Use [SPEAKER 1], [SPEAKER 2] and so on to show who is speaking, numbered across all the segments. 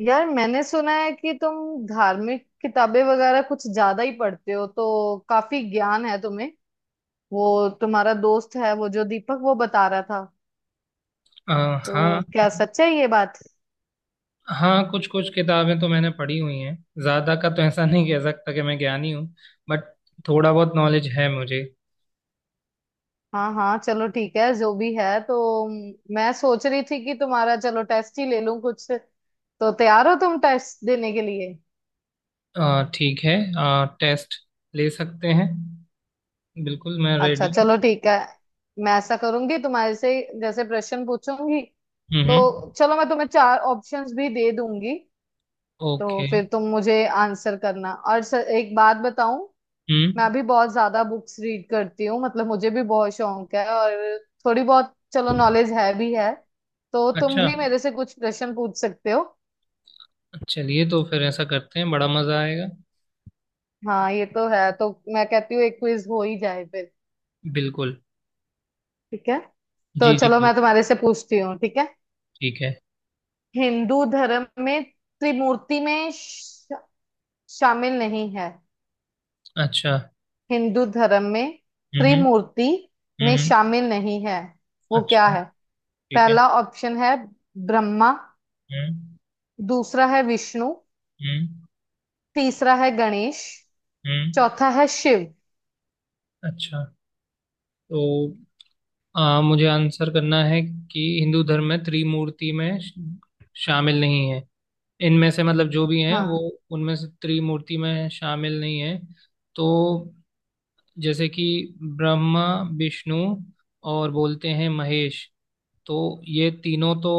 [SPEAKER 1] यार मैंने सुना है कि तुम धार्मिक किताबें वगैरह कुछ ज्यादा ही पढ़ते हो तो काफी ज्ञान है तुम्हें। वो तुम्हारा दोस्त है वो जो दीपक वो बता रहा था।
[SPEAKER 2] अ, हाँ।
[SPEAKER 1] तो क्या सच है ये बात?
[SPEAKER 2] हाँ, कुछ कुछ किताबें तो मैंने पढ़ी हुई हैं। ज्यादा का तो ऐसा नहीं कह सकता कि मैं ज्ञानी हूँ। बट थोड़ा बहुत नॉलेज है मुझे।
[SPEAKER 1] हाँ हाँ, चलो ठीक है, जो भी है। तो मैं सोच रही थी कि तुम्हारा चलो टेस्ट ही ले लूं कुछ। तो तैयार हो तुम टेस्ट देने के लिए?
[SPEAKER 2] ठीक है। टेस्ट ले सकते हैं। बिल्कुल मैं
[SPEAKER 1] अच्छा
[SPEAKER 2] रेडी हूँ।
[SPEAKER 1] चलो ठीक है। मैं ऐसा करूंगी तुम्हारे से जैसे प्रश्न पूछूंगी। तो
[SPEAKER 2] हम्म।
[SPEAKER 1] चलो मैं तुम्हें चार ऑप्शंस भी दे दूंगी तो
[SPEAKER 2] ओके।
[SPEAKER 1] फिर तुम मुझे आंसर करना। और सर एक बात बताऊं,
[SPEAKER 2] हम्म।
[SPEAKER 1] मैं भी बहुत ज्यादा बुक्स रीड करती हूँ, मतलब मुझे भी बहुत शौक है, और थोड़ी बहुत चलो नॉलेज है भी है। तो तुम
[SPEAKER 2] अच्छा।
[SPEAKER 1] भी मेरे से कुछ प्रश्न पूछ सकते हो।
[SPEAKER 2] चलिए तो फिर ऐसा करते हैं, बड़ा मजा आएगा।
[SPEAKER 1] हाँ ये तो है। तो मैं कहती हूँ एक क्विज हो ही जाए फिर।
[SPEAKER 2] बिल्कुल।
[SPEAKER 1] ठीक है, तो
[SPEAKER 2] जी जी,
[SPEAKER 1] चलो
[SPEAKER 2] बिल्कुल।
[SPEAKER 1] मैं तुम्हारे से पूछती हूँ। ठीक है।
[SPEAKER 2] ठीक है।
[SPEAKER 1] हिंदू धर्म में त्रिमूर्ति में शामिल नहीं है।
[SPEAKER 2] अच्छा।
[SPEAKER 1] हिंदू धर्म में
[SPEAKER 2] हम्म,
[SPEAKER 1] त्रिमूर्ति में
[SPEAKER 2] हम्म,
[SPEAKER 1] शामिल नहीं है वो क्या
[SPEAKER 2] अच्छा,
[SPEAKER 1] है?
[SPEAKER 2] ठीक है।
[SPEAKER 1] पहला ऑप्शन है ब्रह्मा।
[SPEAKER 2] हम्म,
[SPEAKER 1] दूसरा है विष्णु।
[SPEAKER 2] हम्म,
[SPEAKER 1] तीसरा है गणेश।
[SPEAKER 2] हम्म,
[SPEAKER 1] चौथा है शिव।
[SPEAKER 2] अच्छा। तो मुझे आंसर करना है कि हिंदू धर्म में त्रिमूर्ति में श- शामिल नहीं है इनमें से, मतलब जो भी हैं वो
[SPEAKER 1] हाँ।
[SPEAKER 2] उनमें से त्रिमूर्ति में शामिल नहीं है। तो जैसे कि ब्रह्मा, विष्णु और बोलते हैं महेश, तो ये तीनों तो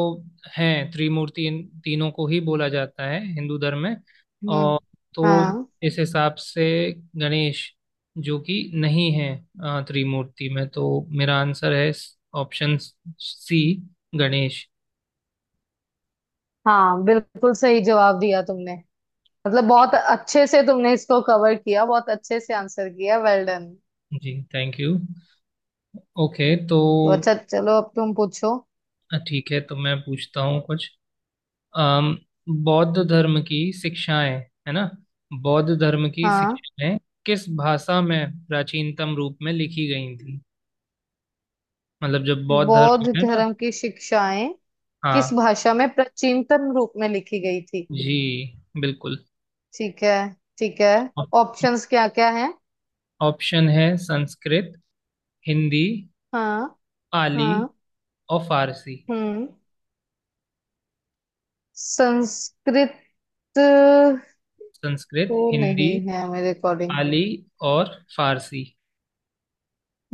[SPEAKER 2] हैं त्रिमूर्ति, इन तीनों को ही बोला जाता है हिंदू धर्म में।
[SPEAKER 1] हम्म।
[SPEAKER 2] और तो
[SPEAKER 1] हाँ
[SPEAKER 2] इस हिसाब से गणेश जो कि नहीं है त्रिमूर्ति में, तो मेरा आंसर है ऑप्शन सी, गणेश।
[SPEAKER 1] हाँ, बिल्कुल सही जवाब दिया तुमने। मतलब बहुत अच्छे से तुमने इसको कवर किया, बहुत अच्छे से आंसर किया, वेल डन।
[SPEAKER 2] जी, थैंक यू। ओके तो
[SPEAKER 1] तो अच्छा चलो, अब तुम पूछो।
[SPEAKER 2] ठीक है। तो मैं पूछता हूँ कुछ। अम, बौद्ध धर्म की शिक्षाएं, है ना, बौद्ध धर्म की
[SPEAKER 1] हाँ।
[SPEAKER 2] शिक्षाएं किस भाषा में प्राचीनतम रूप में लिखी गई थी, मतलब जब बौद्ध धर्म
[SPEAKER 1] बौद्ध
[SPEAKER 2] है ना।
[SPEAKER 1] धर्म की शिक्षाएं किस
[SPEAKER 2] हाँ,
[SPEAKER 1] भाषा में प्राचीनतम रूप में लिखी गई थी?
[SPEAKER 2] जी, बिल्कुल।
[SPEAKER 1] ठीक है, ठीक है।
[SPEAKER 2] ऑप-
[SPEAKER 1] ऑप्शंस क्या क्या है?
[SPEAKER 2] ऑप्शन है संस्कृत, हिंदी,
[SPEAKER 1] हाँ
[SPEAKER 2] पाली
[SPEAKER 1] हाँ।
[SPEAKER 2] और फारसी।
[SPEAKER 1] हम्म। संस्कृत तो
[SPEAKER 2] संस्कृत, हिंदी,
[SPEAKER 1] नहीं है मेरे अकॉर्डिंग।
[SPEAKER 2] पाली और फारसी।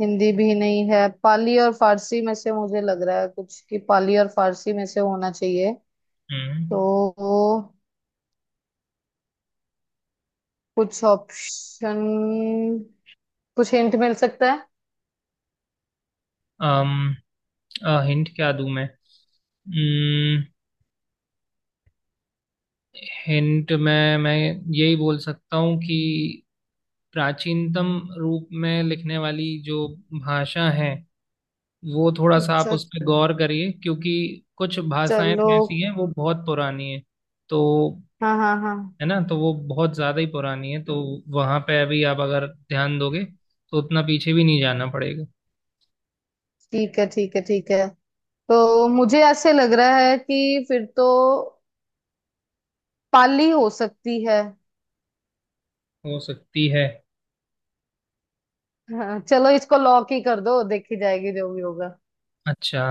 [SPEAKER 1] हिंदी भी नहीं है। पाली और फारसी में से मुझे लग रहा है कुछ, कि पाली और फारसी में से होना चाहिए।
[SPEAKER 2] हम्म।
[SPEAKER 1] तो कुछ ऑप्शन, कुछ हिंट मिल सकता है?
[SPEAKER 2] अम हिंट क्या दूं मैं। हम्म, हिंट में मैं यही बोल सकता हूँ कि प्राचीनतम रूप में लिखने वाली जो भाषा है, वो थोड़ा सा आप
[SPEAKER 1] अच्छा
[SPEAKER 2] उस पर गौर करिए, क्योंकि कुछ भाषाएं
[SPEAKER 1] चलो।
[SPEAKER 2] तो ऐसी हैं वो बहुत पुरानी हैं। तो
[SPEAKER 1] हाँ हाँ हाँ।
[SPEAKER 2] है ना, तो वो बहुत ज़्यादा ही पुरानी है, तो वहाँ पे अभी आप अगर ध्यान दोगे तो उतना पीछे भी नहीं जाना पड़ेगा।
[SPEAKER 1] ठीक है ठीक है ठीक है। तो मुझे ऐसे लग रहा है कि फिर तो पाली हो सकती है।
[SPEAKER 2] हो सकती है।
[SPEAKER 1] हाँ, चलो इसको लॉक ही कर दो, देखी जाएगी जो भी होगा।
[SPEAKER 2] अच्छा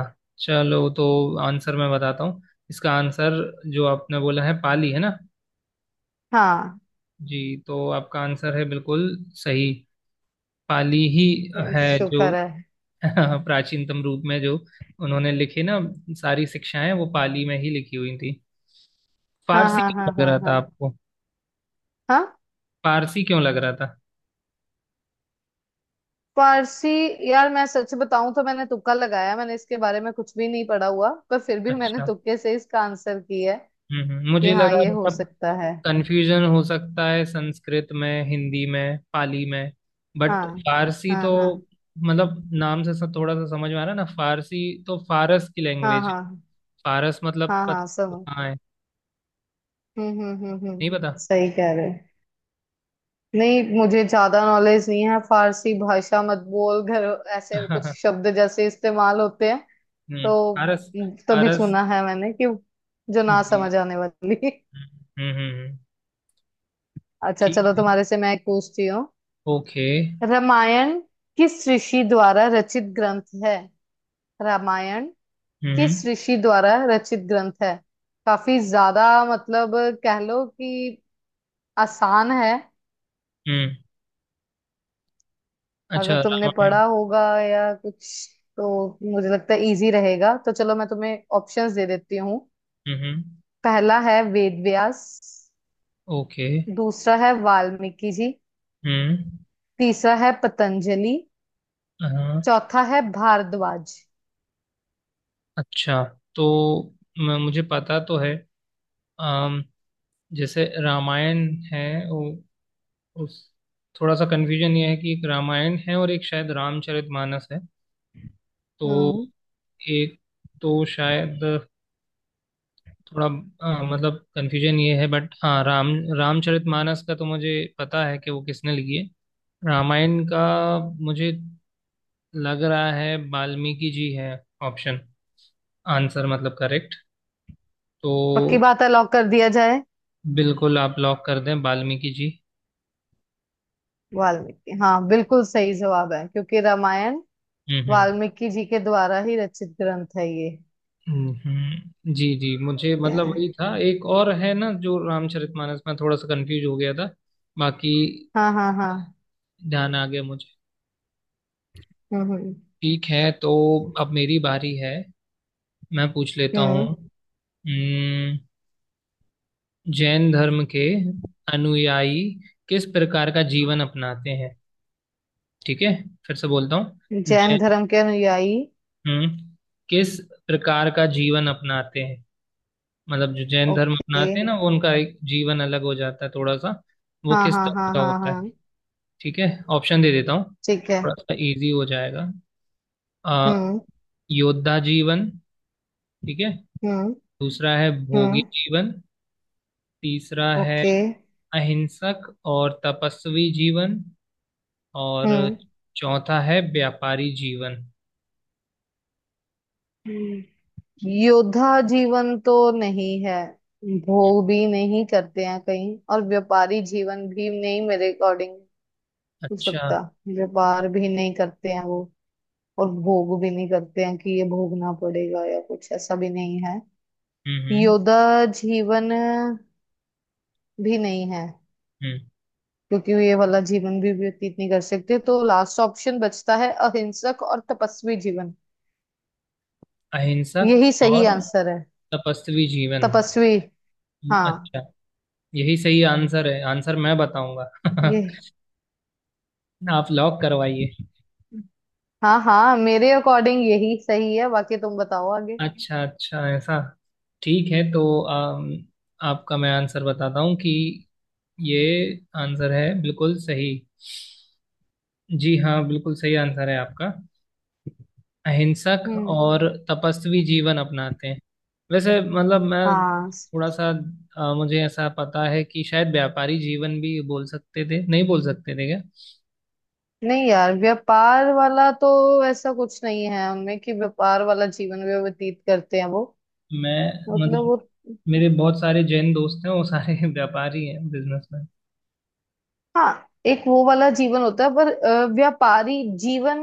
[SPEAKER 2] चलो, तो आंसर मैं बताता हूँ। इसका आंसर जो आपने बोला है पाली, है ना।
[SPEAKER 1] हाँ।
[SPEAKER 2] जी, तो आपका आंसर है बिल्कुल सही, पाली ही है जो
[SPEAKER 1] शुक्र है।
[SPEAKER 2] प्राचीनतम रूप में, जो उन्होंने लिखे ना सारी शिक्षाएं, वो पाली में ही लिखी हुई थी।
[SPEAKER 1] हाँ
[SPEAKER 2] फारसी
[SPEAKER 1] हाँ
[SPEAKER 2] क्यों
[SPEAKER 1] हाँ
[SPEAKER 2] लग
[SPEAKER 1] हाँ
[SPEAKER 2] रहा
[SPEAKER 1] हाँ।
[SPEAKER 2] था आपको?
[SPEAKER 1] हाँ।
[SPEAKER 2] फारसी क्यों लग रहा था?
[SPEAKER 1] पारसी। यार मैं सच बताऊं तो मैंने तुक्का लगाया, मैंने इसके बारे में कुछ भी नहीं पढ़ा हुआ, पर फिर भी मैंने
[SPEAKER 2] अच्छा।
[SPEAKER 1] तुक्के से इसका आंसर किया है।
[SPEAKER 2] हम्म,
[SPEAKER 1] कि
[SPEAKER 2] मुझे
[SPEAKER 1] हाँ
[SPEAKER 2] लगा,
[SPEAKER 1] ये हो
[SPEAKER 2] मतलब
[SPEAKER 1] सकता है।
[SPEAKER 2] कंफ्यूजन हो सकता है संस्कृत में, हिंदी में, पाली में, बट
[SPEAKER 1] हाँ
[SPEAKER 2] फारसी
[SPEAKER 1] हाँ
[SPEAKER 2] तो,
[SPEAKER 1] हाँ
[SPEAKER 2] मतलब नाम से थोड़ा सा समझ में आ रहा है ना। फारसी तो फारस की
[SPEAKER 1] हाँ।
[SPEAKER 2] लैंग्वेज।
[SPEAKER 1] हाँ
[SPEAKER 2] फारस मतलब,
[SPEAKER 1] हाँ,
[SPEAKER 2] पता
[SPEAKER 1] हाँ
[SPEAKER 2] वो
[SPEAKER 1] समझ।
[SPEAKER 2] कहाँ है?
[SPEAKER 1] हम्म।
[SPEAKER 2] नहीं पता।
[SPEAKER 1] सही कह रहे हो। नहीं, मुझे ज्यादा नॉलेज नहीं है। फारसी भाषा मत बोल घर ऐसे कुछ शब्द जैसे इस्तेमाल होते हैं।
[SPEAKER 2] हम्म।
[SPEAKER 1] तो
[SPEAKER 2] फारस।
[SPEAKER 1] तभी
[SPEAKER 2] फारस।
[SPEAKER 1] सुना है मैंने कि जो ना
[SPEAKER 2] जी।
[SPEAKER 1] समझ आने वाली।
[SPEAKER 2] हम्म, हम्म,
[SPEAKER 1] अच्छा
[SPEAKER 2] ठीक
[SPEAKER 1] चलो,
[SPEAKER 2] है।
[SPEAKER 1] तुम्हारे से मैं एक पूछती हूँ।
[SPEAKER 2] ओके।
[SPEAKER 1] रामायण किस ऋषि द्वारा रचित ग्रंथ है? रामायण
[SPEAKER 2] हम्म,
[SPEAKER 1] किस ऋषि द्वारा रचित ग्रंथ है? काफी ज्यादा, मतलब कह लो कि आसान है।
[SPEAKER 2] हम्म,
[SPEAKER 1] अगर
[SPEAKER 2] अच्छा।
[SPEAKER 1] तुमने
[SPEAKER 2] रामायण।
[SPEAKER 1] पढ़ा होगा या कुछ तो मुझे लगता है इजी रहेगा। तो चलो मैं तुम्हें ऑप्शंस दे देती हूँ।
[SPEAKER 2] हम्म।
[SPEAKER 1] पहला है वेद व्यास।
[SPEAKER 2] ओके।
[SPEAKER 1] दूसरा है वाल्मीकि जी।
[SPEAKER 2] हम्म।
[SPEAKER 1] तीसरा है पतंजलि।
[SPEAKER 2] हाँ।
[SPEAKER 1] चौथा है भारद्वाज।
[SPEAKER 2] अच्छा। तो मुझे पता तो है। अम, जैसे रामायण है, उ, उस थोड़ा सा कन्फ्यूजन ये है कि एक रामायण है और एक शायद रामचरितमानस है। तो
[SPEAKER 1] हम्म।
[SPEAKER 2] एक तो शायद थोड़ा मतलब कन्फ्यूजन ये है, बट हाँ, रामचरितमानस का तो मुझे पता है कि वो किसने लिखी है। रामायण का मुझे लग रहा है वाल्मीकि जी है, ऑप्शन, आंसर मतलब करेक्ट।
[SPEAKER 1] पक्की
[SPEAKER 2] तो
[SPEAKER 1] बात है, लॉक कर दिया जाए।
[SPEAKER 2] बिल्कुल आप लॉक कर दें, वाल्मीकि जी।
[SPEAKER 1] वाल्मीकि, हाँ बिल्कुल सही जवाब है क्योंकि रामायण
[SPEAKER 2] हम्म,
[SPEAKER 1] वाल्मीकि जी के द्वारा ही रचित ग्रंथ है ये।
[SPEAKER 2] हम्म, जी जी, मुझे मतलब वही था, एक और है ना जो रामचरितमानस, में थोड़ा सा कंफ्यूज हो गया था। बाकी
[SPEAKER 1] हाँ हाँ हाँ।
[SPEAKER 2] ध्यान आ गया मुझे।
[SPEAKER 1] हम्म हम्म
[SPEAKER 2] ठीक है, तो अब मेरी बारी है, मैं पूछ लेता हूँ।
[SPEAKER 1] हम्म।
[SPEAKER 2] हम्म, जैन धर्म के अनुयायी किस प्रकार का जीवन अपनाते हैं। ठीक है, फिर से बोलता हूँ।
[SPEAKER 1] जैन
[SPEAKER 2] जैन,
[SPEAKER 1] धर्म के अनुयायी।
[SPEAKER 2] हम्म, किस प्रकार का जीवन अपनाते हैं, मतलब जो जैन धर्म
[SPEAKER 1] ओके।
[SPEAKER 2] अपनाते हैं ना वो उनका एक जीवन अलग हो जाता है थोड़ा सा, वो
[SPEAKER 1] हाँ
[SPEAKER 2] किस
[SPEAKER 1] हाँ
[SPEAKER 2] तरह
[SPEAKER 1] हाँ
[SPEAKER 2] का
[SPEAKER 1] हाँ
[SPEAKER 2] होता
[SPEAKER 1] हाँ।
[SPEAKER 2] है। ठीक है, ऑप्शन दे देता हूँ,
[SPEAKER 1] ठीक है।
[SPEAKER 2] थोड़ा सा इजी हो जाएगा। आ,
[SPEAKER 1] हम्म
[SPEAKER 2] योद्धा जीवन, ठीक है।
[SPEAKER 1] हम्म
[SPEAKER 2] दूसरा है भोगी
[SPEAKER 1] हम्म।
[SPEAKER 2] जीवन। तीसरा है
[SPEAKER 1] ओके।
[SPEAKER 2] अहिंसक और तपस्वी जीवन। और
[SPEAKER 1] हम्म
[SPEAKER 2] चौथा है व्यापारी जीवन।
[SPEAKER 1] हम्म। योद्धा जीवन तो नहीं है। भोग भी नहीं करते हैं कहीं, और व्यापारी जीवन भी नहीं, मेरे अकॉर्डिंग। हो
[SPEAKER 2] अच्छा।
[SPEAKER 1] सकता, व्यापार भी नहीं करते हैं वो, और भोग भी नहीं करते हैं कि ये भोगना पड़ेगा या कुछ, ऐसा भी नहीं है।
[SPEAKER 2] हम्म, हम्म,
[SPEAKER 1] योद्धा जीवन भी नहीं है
[SPEAKER 2] हम्म,
[SPEAKER 1] क्योंकि ये वाला जीवन भी व्यतीत नहीं कर सकते। तो लास्ट ऑप्शन बचता है अहिंसक और तपस्वी जीवन। यही
[SPEAKER 2] अहिंसक
[SPEAKER 1] सही
[SPEAKER 2] और
[SPEAKER 1] आंसर है।
[SPEAKER 2] तपस्वी जीवन।
[SPEAKER 1] तपस्वी। हाँ।
[SPEAKER 2] अच्छा, यही सही आंसर है, आंसर मैं बताऊंगा
[SPEAKER 1] ये।
[SPEAKER 2] आप लॉक करवाइए।
[SPEAKER 1] हाँ हाँ, मेरे अकॉर्डिंग यही सही है, बाकी तुम बताओ आगे।
[SPEAKER 2] अच्छा अच्छा ऐसा, ठीक है। तो आपका मैं आंसर बताता हूँ कि ये आंसर है बिल्कुल सही। जी हाँ, बिल्कुल सही आंसर है आपका, अहिंसक
[SPEAKER 1] हम्म।
[SPEAKER 2] और तपस्वी जीवन अपनाते हैं। वैसे मतलब मैं
[SPEAKER 1] हाँ।
[SPEAKER 2] थोड़ा सा, मुझे ऐसा पता है कि शायद व्यापारी जीवन भी बोल सकते थे, नहीं बोल सकते थे क्या?
[SPEAKER 1] नहीं यार, व्यापार वाला तो ऐसा कुछ नहीं है हमें कि व्यापार वाला जीवन भी व्यतीत करते हैं वो।
[SPEAKER 2] मैं
[SPEAKER 1] मतलब
[SPEAKER 2] मतलब,
[SPEAKER 1] वो।
[SPEAKER 2] मेरे बहुत सारे जैन दोस्त हैं वो सारे व्यापारी हैं, बिजनेसमैन।
[SPEAKER 1] हाँ एक वो वाला जीवन होता है पर व्यापारी जीवन,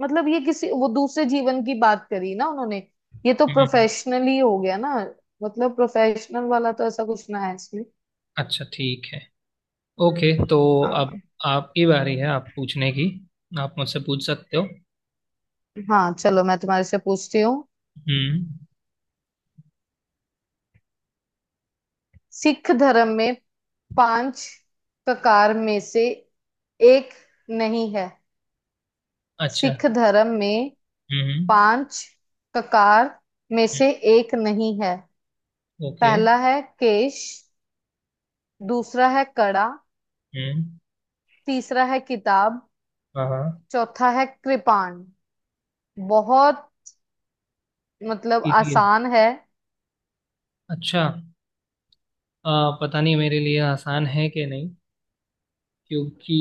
[SPEAKER 1] मतलब ये किसी वो दूसरे जीवन की बात करी ना उन्होंने। ये तो
[SPEAKER 2] हम्म,
[SPEAKER 1] प्रोफेशनली हो गया ना। मतलब प्रोफेशनल वाला तो ऐसा कुछ ना है इसमें।
[SPEAKER 2] अच्छा, ठीक है। ओके। तो
[SPEAKER 1] हाँ
[SPEAKER 2] अब आपकी बारी है आप पूछने की, आप मुझसे पूछ सकते हो।
[SPEAKER 1] हाँ, चलो मैं तुम्हारे से पूछती हूँ।
[SPEAKER 2] हम्म।
[SPEAKER 1] सिख धर्म में पांच ककार में से एक नहीं है।
[SPEAKER 2] अच्छा।
[SPEAKER 1] सिख धर्म में
[SPEAKER 2] हम्म,
[SPEAKER 1] पांच ककार में
[SPEAKER 2] हम्म,
[SPEAKER 1] से एक नहीं है।
[SPEAKER 2] ओके।
[SPEAKER 1] पहला है केश। दूसरा है कड़ा।
[SPEAKER 2] हम्म।
[SPEAKER 1] तीसरा है किताब।
[SPEAKER 2] हाँ हाँ,
[SPEAKER 1] चौथा है कृपाण। बहुत, मतलब
[SPEAKER 2] इजी है।
[SPEAKER 1] आसान है।
[SPEAKER 2] अच्छा, पता नहीं मेरे लिए आसान है कि नहीं, क्योंकि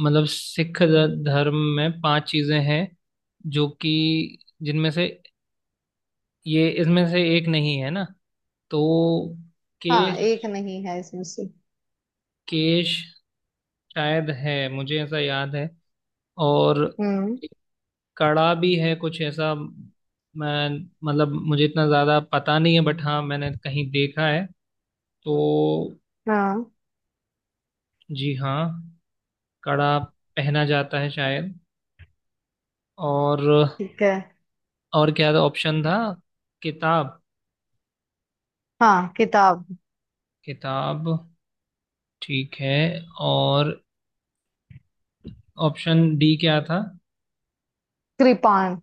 [SPEAKER 2] मतलब सिख धर्म में पांच चीजें हैं जो कि, जिनमें से ये, इसमें से एक नहीं है ना। तो
[SPEAKER 1] हाँ एक
[SPEAKER 2] केश,
[SPEAKER 1] नहीं है इसमें से।
[SPEAKER 2] केश शायद है, मुझे ऐसा याद है। और
[SPEAKER 1] हम्म।
[SPEAKER 2] एक कड़ा भी है कुछ ऐसा, मैं मतलब, मुझे इतना ज्यादा पता नहीं है, बट हाँ मैंने कहीं देखा है। तो
[SPEAKER 1] हाँ।
[SPEAKER 2] जी हाँ, कड़ा पहना जाता है शायद। और
[SPEAKER 1] ठीक है।
[SPEAKER 2] और क्या ऑप्शन था? किताब।
[SPEAKER 1] हाँ किताब।
[SPEAKER 2] किताब, ठीक है। और ऑप्शन डी क्या था?
[SPEAKER 1] कृपाण।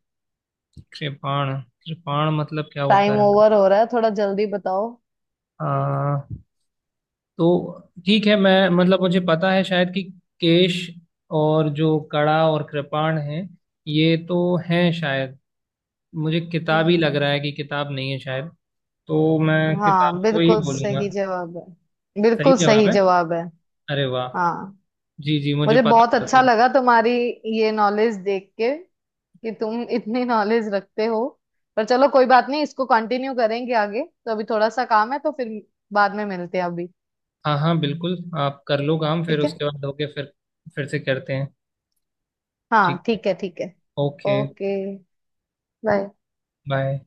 [SPEAKER 2] कृपाण। कृपाण मतलब क्या
[SPEAKER 1] टाइम
[SPEAKER 2] होता है?
[SPEAKER 1] ओवर हो रहा है, थोड़ा जल्दी बताओ।
[SPEAKER 2] आ, तो ठीक है, मैं मतलब मुझे पता है शायद कि केश, और जो कड़ा और कृपाण है, ये तो हैं शायद, मुझे किताब ही
[SPEAKER 1] हम्म।
[SPEAKER 2] लग रहा है कि किताब नहीं है शायद। तो मैं किताब
[SPEAKER 1] हाँ
[SPEAKER 2] को ही
[SPEAKER 1] बिल्कुल
[SPEAKER 2] बोलूंगा।
[SPEAKER 1] सही जवाब है।
[SPEAKER 2] सही
[SPEAKER 1] बिल्कुल
[SPEAKER 2] जवाब
[SPEAKER 1] सही
[SPEAKER 2] है,
[SPEAKER 1] जवाब है।
[SPEAKER 2] अरे वाह।
[SPEAKER 1] हाँ।
[SPEAKER 2] जी जी, मुझे
[SPEAKER 1] मुझे बहुत
[SPEAKER 2] पता
[SPEAKER 1] अच्छा
[SPEAKER 2] था।
[SPEAKER 1] लगा तुम्हारी ये नॉलेज देख के, कि तुम इतनी नॉलेज रखते हो। पर चलो कोई बात नहीं, इसको कंटिन्यू करेंगे आगे। तो अभी थोड़ा सा काम है तो फिर बाद में मिलते हैं अभी।
[SPEAKER 2] हाँ हाँ बिल्कुल, आप कर लो काम, फिर
[SPEAKER 1] ठीक है।
[SPEAKER 2] उसके बाद होके फिर से करते हैं। ठीक
[SPEAKER 1] हाँ
[SPEAKER 2] है।
[SPEAKER 1] ठीक है ठीक है।
[SPEAKER 2] ओके।
[SPEAKER 1] ओके। बाय।
[SPEAKER 2] बाय।